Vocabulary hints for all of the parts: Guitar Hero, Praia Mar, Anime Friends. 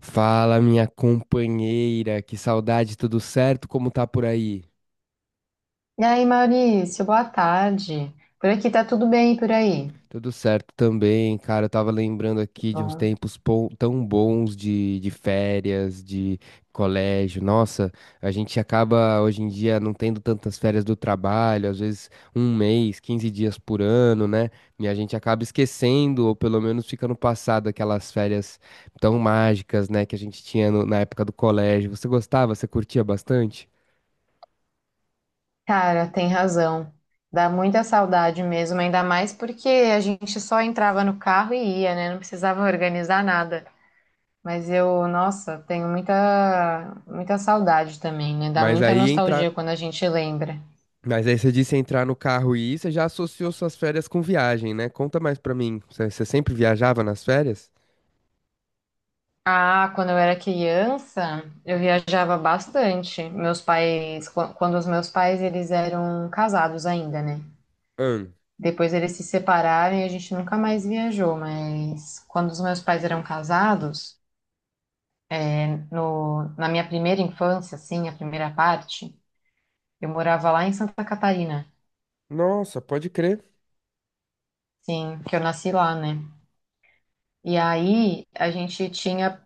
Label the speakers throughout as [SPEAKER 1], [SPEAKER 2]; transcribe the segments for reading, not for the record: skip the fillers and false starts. [SPEAKER 1] Fala, minha companheira, que saudade, tudo certo? Como tá por aí?
[SPEAKER 2] E aí, Maurício, boa tarde. Por aqui tá tudo bem, e por aí.
[SPEAKER 1] Tudo certo também, cara. Eu tava lembrando aqui de uns
[SPEAKER 2] Bom,
[SPEAKER 1] tempos tão bons de férias, de colégio. Nossa, a gente acaba hoje em dia não tendo tantas férias do trabalho, às vezes um mês, 15 dias por ano, né? E a gente acaba esquecendo, ou pelo menos fica no passado, aquelas férias tão mágicas, né, que a gente tinha na época do colégio. Você gostava? Você curtia bastante?
[SPEAKER 2] Cara, tem razão. Dá muita saudade mesmo, ainda mais porque a gente só entrava no carro e ia, né? Não precisava organizar nada. Mas eu, nossa, tenho muita, muita saudade também, né? Dá
[SPEAKER 1] Mas
[SPEAKER 2] muita
[SPEAKER 1] aí
[SPEAKER 2] nostalgia
[SPEAKER 1] entra.
[SPEAKER 2] quando a gente lembra.
[SPEAKER 1] Mas aí você disse entrar no carro e ir, você já associou suas férias com viagem, né? Conta mais pra mim. Você sempre viajava nas férias?
[SPEAKER 2] Ah, quando eu era criança, eu viajava bastante. Meus pais, quando os meus pais, eles eram casados ainda, né?
[SPEAKER 1] Hum.
[SPEAKER 2] Depois eles se separaram e a gente nunca mais viajou, mas quando os meus pais eram casados, na minha primeira infância, assim, a primeira parte, eu morava lá em Santa Catarina,
[SPEAKER 1] Nossa, pode crer.
[SPEAKER 2] sim, que eu nasci lá, né? E aí a gente tinha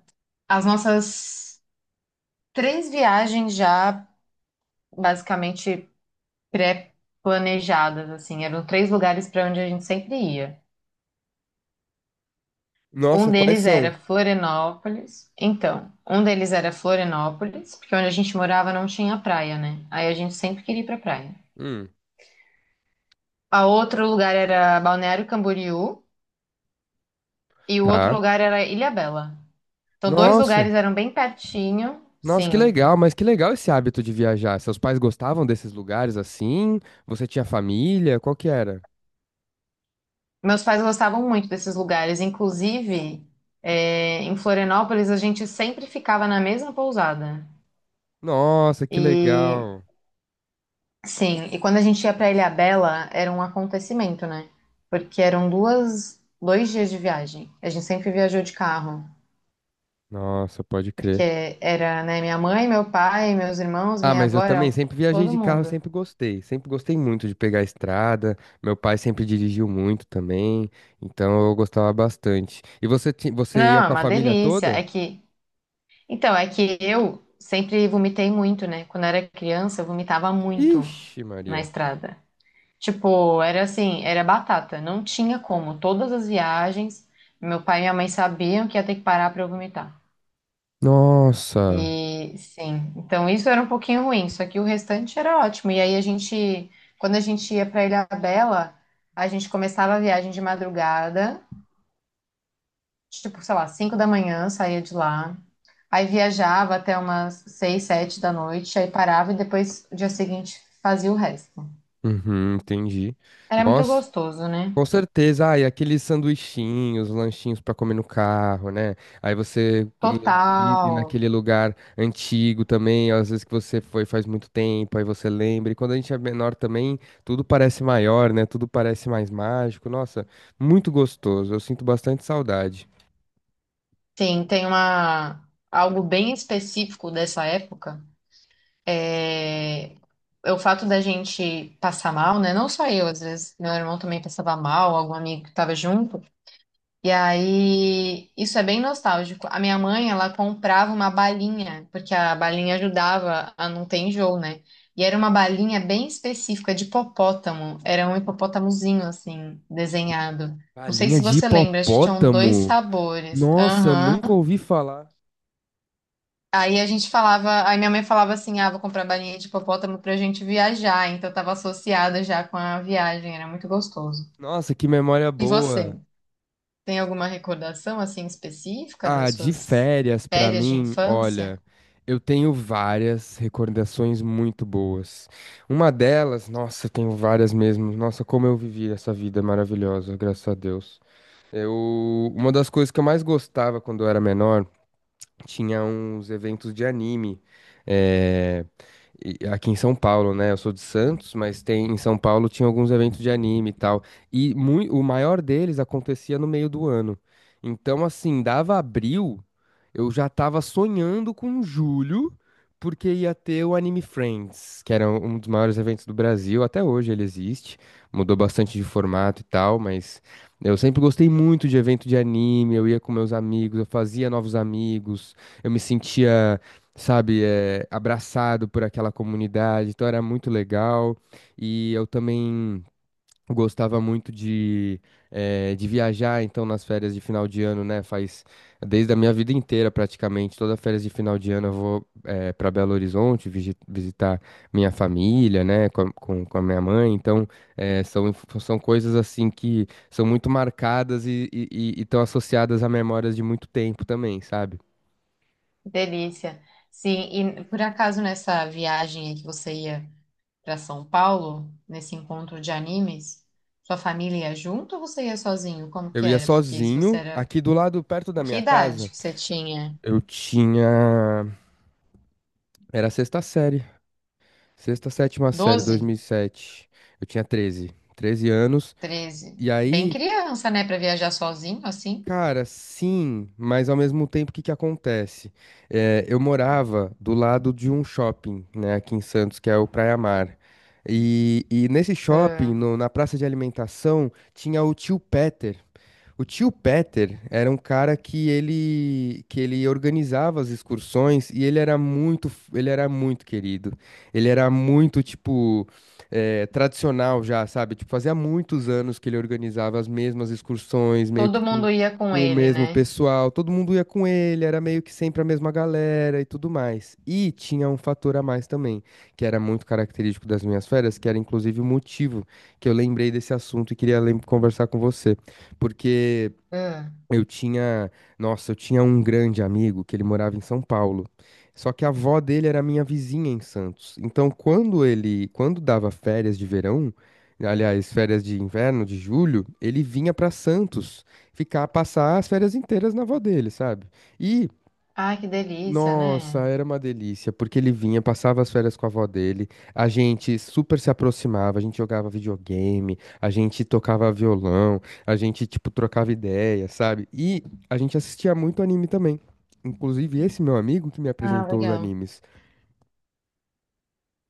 [SPEAKER 2] as nossas três viagens já basicamente pré-planejadas, assim, eram três lugares para onde a gente sempre ia. Um
[SPEAKER 1] Nossa, quais
[SPEAKER 2] deles era
[SPEAKER 1] são?
[SPEAKER 2] Florianópolis. Então, um deles era Florianópolis, porque onde a gente morava não tinha praia, né? Aí a gente sempre queria ir pra praia.
[SPEAKER 1] Hum.
[SPEAKER 2] A outro lugar era Balneário Camboriú e o outro
[SPEAKER 1] Tá.
[SPEAKER 2] lugar era Ilhabela. Então, dois
[SPEAKER 1] Nossa.
[SPEAKER 2] lugares eram bem pertinho,
[SPEAKER 1] Nossa, que
[SPEAKER 2] sim.
[SPEAKER 1] legal, mas que legal esse hábito de viajar. Seus pais gostavam desses lugares assim? Você tinha família? Qual que era?
[SPEAKER 2] Meus pais gostavam muito desses lugares. Inclusive, é, em Florianópolis, a gente sempre ficava na mesma pousada.
[SPEAKER 1] Nossa, que
[SPEAKER 2] E
[SPEAKER 1] legal.
[SPEAKER 2] sim, e quando a gente ia para Ilhabela, era um acontecimento, né? Porque eram duas, 2 dias de viagem. A gente sempre viajou de carro,
[SPEAKER 1] Nossa, pode crer.
[SPEAKER 2] porque era, né, minha mãe, meu pai, meus irmãos,
[SPEAKER 1] Ah,
[SPEAKER 2] minha
[SPEAKER 1] mas eu
[SPEAKER 2] avó,
[SPEAKER 1] também
[SPEAKER 2] era
[SPEAKER 1] sempre viajei
[SPEAKER 2] todo
[SPEAKER 1] de carro,
[SPEAKER 2] mundo.
[SPEAKER 1] sempre gostei. Sempre gostei muito de pegar a estrada. Meu pai sempre dirigiu muito também, então eu gostava bastante. E você, você ia
[SPEAKER 2] Não, é
[SPEAKER 1] com a
[SPEAKER 2] uma
[SPEAKER 1] família
[SPEAKER 2] delícia. É
[SPEAKER 1] toda?
[SPEAKER 2] que, então, é que eu sempre vomitei muito, né? Quando eu era criança, eu vomitava muito
[SPEAKER 1] Ixi,
[SPEAKER 2] na
[SPEAKER 1] Maria.
[SPEAKER 2] estrada. Tipo, era assim, era batata, não tinha como. Todas as viagens, meu pai e minha mãe sabiam que ia ter que parar para eu vomitar.
[SPEAKER 1] Nossa.
[SPEAKER 2] E sim, então isso era um pouquinho ruim, só que o restante era ótimo. E aí a gente, quando a gente ia para Ilhabela, a gente começava a viagem de madrugada, tipo, sei lá, 5 da manhã, saía de lá. Aí viajava até umas 6, 7 da noite, aí parava e depois no dia seguinte fazia o resto.
[SPEAKER 1] Uhum, entendi.
[SPEAKER 2] Era muito
[SPEAKER 1] Nossa.
[SPEAKER 2] gostoso, né?
[SPEAKER 1] Com certeza, ah, e aqueles sanduichinhos, lanchinhos para comer no carro, né? Aí você ir
[SPEAKER 2] Total.
[SPEAKER 1] ir naquele lugar antigo também, às vezes que você foi faz muito tempo, aí você lembra. E quando a gente é menor também, tudo parece maior, né? Tudo parece mais mágico. Nossa, muito gostoso. Eu sinto bastante saudade.
[SPEAKER 2] Sim, tem uma algo bem específico dessa época. É, é o fato da gente passar mal, né? Não só eu, às vezes meu irmão também passava mal, algum amigo que estava junto. E aí, isso é bem nostálgico. A minha mãe, ela comprava uma balinha, porque a balinha ajudava a não ter enjoo, né? E era uma balinha bem específica de hipopótamo. Era um hipopótamozinho, assim, desenhado. Não sei
[SPEAKER 1] Galinha
[SPEAKER 2] se
[SPEAKER 1] de
[SPEAKER 2] você lembra, acho que tinham dois
[SPEAKER 1] hipopótamo?
[SPEAKER 2] sabores.
[SPEAKER 1] Nossa, eu nunca
[SPEAKER 2] Aham.
[SPEAKER 1] ouvi falar.
[SPEAKER 2] Aí a gente falava, aí minha mãe falava assim, ah, vou comprar balinha de hipopótamo pra gente viajar, então eu tava associada já com a viagem, era muito gostoso.
[SPEAKER 1] Nossa, que memória
[SPEAKER 2] E
[SPEAKER 1] boa.
[SPEAKER 2] você, tem alguma recordação assim específica
[SPEAKER 1] Ah,
[SPEAKER 2] das
[SPEAKER 1] de
[SPEAKER 2] suas
[SPEAKER 1] férias pra
[SPEAKER 2] férias de
[SPEAKER 1] mim,
[SPEAKER 2] infância?
[SPEAKER 1] olha, eu tenho várias recordações muito boas. Uma delas, nossa, eu tenho várias mesmo. Nossa, como eu vivi essa vida maravilhosa, graças a Deus. Eu, uma das coisas que eu mais gostava quando eu era menor tinha uns eventos de anime é, aqui em São Paulo, né? Eu sou de Santos, mas tem em São Paulo tinha alguns eventos de anime e tal. E o maior deles acontecia no meio do ano. Então, assim, dava abril, eu já tava sonhando com julho, porque ia ter o Anime Friends, que era um dos maiores eventos do Brasil. Até hoje ele existe, mudou bastante de formato e tal, mas eu sempre gostei muito de evento de anime. Eu ia com meus amigos, eu fazia novos amigos. Eu me sentia, sabe, abraçado por aquela comunidade, então era muito legal. E eu também gostava muito de, de viajar, então nas férias de final de ano, né? Faz desde a minha vida inteira praticamente, toda férias de final de ano eu vou para Belo Horizonte visitar minha família, né? Com a minha mãe, então são, são coisas assim que são muito marcadas e estão associadas a memórias de muito tempo também, sabe?
[SPEAKER 2] Delícia. Sim, e por acaso nessa viagem aí que você ia para São Paulo, nesse encontro de animes, sua família ia junto ou você ia sozinho? Como que
[SPEAKER 1] Eu ia
[SPEAKER 2] era? Porque se você
[SPEAKER 1] sozinho,
[SPEAKER 2] era,
[SPEAKER 1] aqui do lado, perto da
[SPEAKER 2] que
[SPEAKER 1] minha
[SPEAKER 2] idade
[SPEAKER 1] casa,
[SPEAKER 2] que você tinha?
[SPEAKER 1] eu tinha. Era a sexta série. Sexta, sétima série,
[SPEAKER 2] 12.
[SPEAKER 1] 2007. Eu tinha 13. 13 anos.
[SPEAKER 2] 13.
[SPEAKER 1] E
[SPEAKER 2] Bem
[SPEAKER 1] aí,
[SPEAKER 2] criança, né, pra viajar sozinho assim.
[SPEAKER 1] cara, sim, mas ao mesmo tempo, o que que acontece? É, eu morava do lado de um shopping, né, aqui em Santos, que é o Praia Mar. E nesse shopping,
[SPEAKER 2] Ah,
[SPEAKER 1] na praça de alimentação, tinha o tio Peter. O tio Peter era um cara que ele organizava as excursões e ele era muito querido. Ele era muito tipo tradicional já, sabe? Tipo, fazia muitos anos que ele organizava as mesmas excursões, meio que
[SPEAKER 2] todo
[SPEAKER 1] com,
[SPEAKER 2] mundo ia com
[SPEAKER 1] com o
[SPEAKER 2] ele,
[SPEAKER 1] mesmo
[SPEAKER 2] né?
[SPEAKER 1] pessoal. Todo mundo ia com ele, era meio que sempre a mesma galera e tudo mais. E tinha um fator a mais também, que era muito característico das minhas férias, que era inclusive o motivo que eu lembrei desse assunto e queria conversar com você porque
[SPEAKER 2] Ah,
[SPEAKER 1] eu tinha, nossa, eu tinha um grande amigo que ele morava em São Paulo. Só que a avó dele era minha vizinha em Santos. Então, quando ele, quando dava férias de verão, aliás, férias de inverno de julho, ele vinha para Santos ficar passar as férias inteiras na avó dele, sabe? E
[SPEAKER 2] ai, que delícia,
[SPEAKER 1] nossa,
[SPEAKER 2] né?
[SPEAKER 1] era uma delícia, porque ele vinha, passava as férias com a avó dele, a gente super se aproximava, a gente jogava videogame, a gente tocava violão, a gente, tipo, trocava ideia, sabe? E a gente assistia muito anime também. Inclusive, esse meu amigo que me
[SPEAKER 2] Ah,
[SPEAKER 1] apresentou os
[SPEAKER 2] legal.
[SPEAKER 1] animes.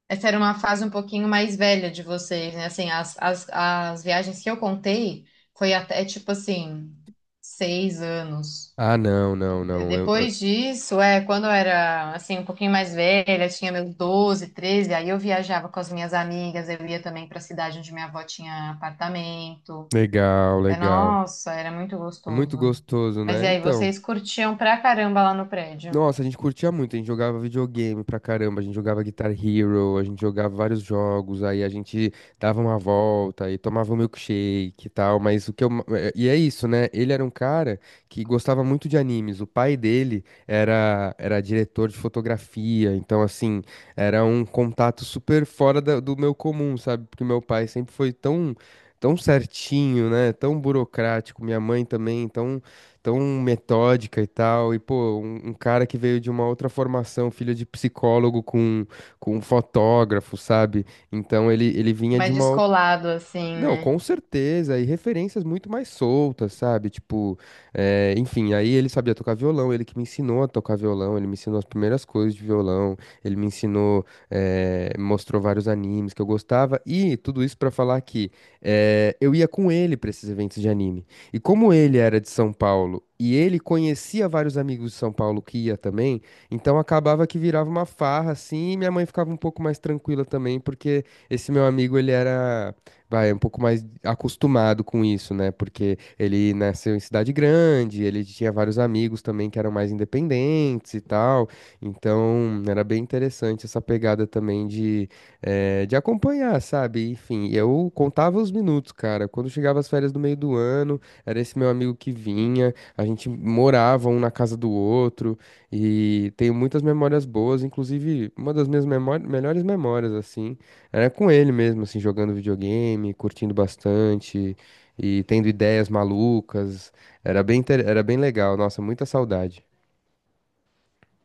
[SPEAKER 2] Essa era uma fase um pouquinho mais velha de vocês, né? Assim, as viagens que eu contei foi até tipo assim, 6 anos.
[SPEAKER 1] Ah, não, não, não.
[SPEAKER 2] Depois disso, é, quando eu era assim, um pouquinho mais velha, tinha meus 12, 13, aí eu viajava com as minhas amigas, eu ia também para a cidade onde minha avó tinha apartamento.
[SPEAKER 1] Legal,
[SPEAKER 2] É,
[SPEAKER 1] legal.
[SPEAKER 2] nossa, era muito
[SPEAKER 1] É muito
[SPEAKER 2] gostoso.
[SPEAKER 1] gostoso,
[SPEAKER 2] Mas
[SPEAKER 1] né?
[SPEAKER 2] e aí,
[SPEAKER 1] Então.
[SPEAKER 2] vocês curtiam pra caramba lá no prédio?
[SPEAKER 1] Nossa, a gente curtia muito, a gente jogava videogame pra caramba, a gente jogava Guitar Hero, a gente jogava vários jogos, aí a gente dava uma volta e tomava um milkshake e tal, mas o que eu... ma- eh, E é isso, né? Ele era um cara que gostava muito de animes, o pai dele era, era diretor de fotografia, então assim, era um contato super do meu comum, sabe? Porque meu pai sempre foi tão certinho, né? Tão burocrático, minha mãe também, então tão metódica e tal. E, pô, um cara que veio de uma outra formação, filho de psicólogo com fotógrafo, sabe? Então ele vinha de
[SPEAKER 2] Mais
[SPEAKER 1] uma.
[SPEAKER 2] descolado, assim,
[SPEAKER 1] Não,
[SPEAKER 2] né?
[SPEAKER 1] com certeza, e referências muito mais soltas, sabe? Tipo, enfim, aí ele sabia tocar violão, ele que me ensinou a tocar violão, ele me ensinou as primeiras coisas de violão, ele me ensinou, eh, me mostrou vários animes que eu gostava, e tudo isso pra falar que eu ia com ele pra esses eventos de anime. E como ele era de São Paulo, e ele conhecia vários amigos de São Paulo que ia também, então acabava que virava uma farra, assim, e minha mãe ficava um pouco mais tranquila também, porque esse meu amigo, ele era vai, é um pouco mais acostumado com isso, né? Porque ele nasceu em cidade grande, ele tinha vários amigos também que eram mais independentes e tal. Então, era bem interessante essa pegada também de acompanhar, sabe? Enfim, eu contava os minutos, cara. Quando chegava as férias do meio do ano, era esse meu amigo que vinha, a gente morava um na casa do outro. E tenho muitas memórias boas, inclusive uma das minhas melhores memórias, assim. Era com ele mesmo, assim, jogando videogame, curtindo bastante e tendo ideias malucas. Era bem legal. Nossa, muita saudade.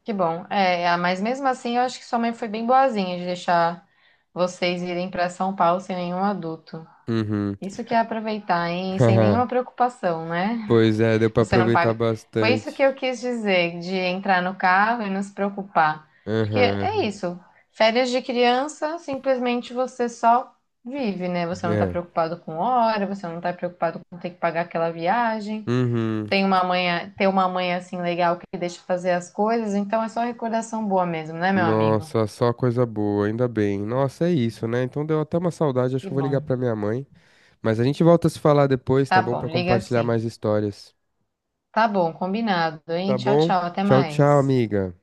[SPEAKER 2] Que bom. É, ah, mas mesmo assim, eu acho que sua mãe foi bem boazinha de deixar vocês irem pra São Paulo sem nenhum adulto.
[SPEAKER 1] Uhum.
[SPEAKER 2] Isso que é aproveitar, hein? Sem nenhuma preocupação, né?
[SPEAKER 1] Pois é, deu pra
[SPEAKER 2] Você não
[SPEAKER 1] aproveitar
[SPEAKER 2] paga. Foi isso
[SPEAKER 1] bastante.
[SPEAKER 2] que eu quis dizer, de entrar no carro e não se preocupar. Porque é
[SPEAKER 1] Aham.
[SPEAKER 2] isso. Férias de criança, simplesmente você só vive, né? Você não tá
[SPEAKER 1] É.
[SPEAKER 2] preocupado com hora, você não tá preocupado com ter que pagar aquela viagem.
[SPEAKER 1] Uhum.
[SPEAKER 2] Tem uma mãe, ter uma mãe assim legal que deixa fazer as coisas, então é só recordação boa mesmo, né, meu amigo?
[SPEAKER 1] Nossa, só coisa boa, ainda bem. Nossa, é isso, né? Então deu até uma saudade, acho
[SPEAKER 2] Que
[SPEAKER 1] que eu vou
[SPEAKER 2] bom.
[SPEAKER 1] ligar pra minha mãe. Mas a gente volta a se falar depois, tá
[SPEAKER 2] Tá
[SPEAKER 1] bom?
[SPEAKER 2] bom,
[SPEAKER 1] Pra
[SPEAKER 2] liga
[SPEAKER 1] compartilhar
[SPEAKER 2] assim.
[SPEAKER 1] mais histórias.
[SPEAKER 2] Tá bom, combinado, hein?
[SPEAKER 1] Tá
[SPEAKER 2] Tchau,
[SPEAKER 1] bom?
[SPEAKER 2] tchau, até
[SPEAKER 1] Tchau, tchau,
[SPEAKER 2] mais.
[SPEAKER 1] amiga.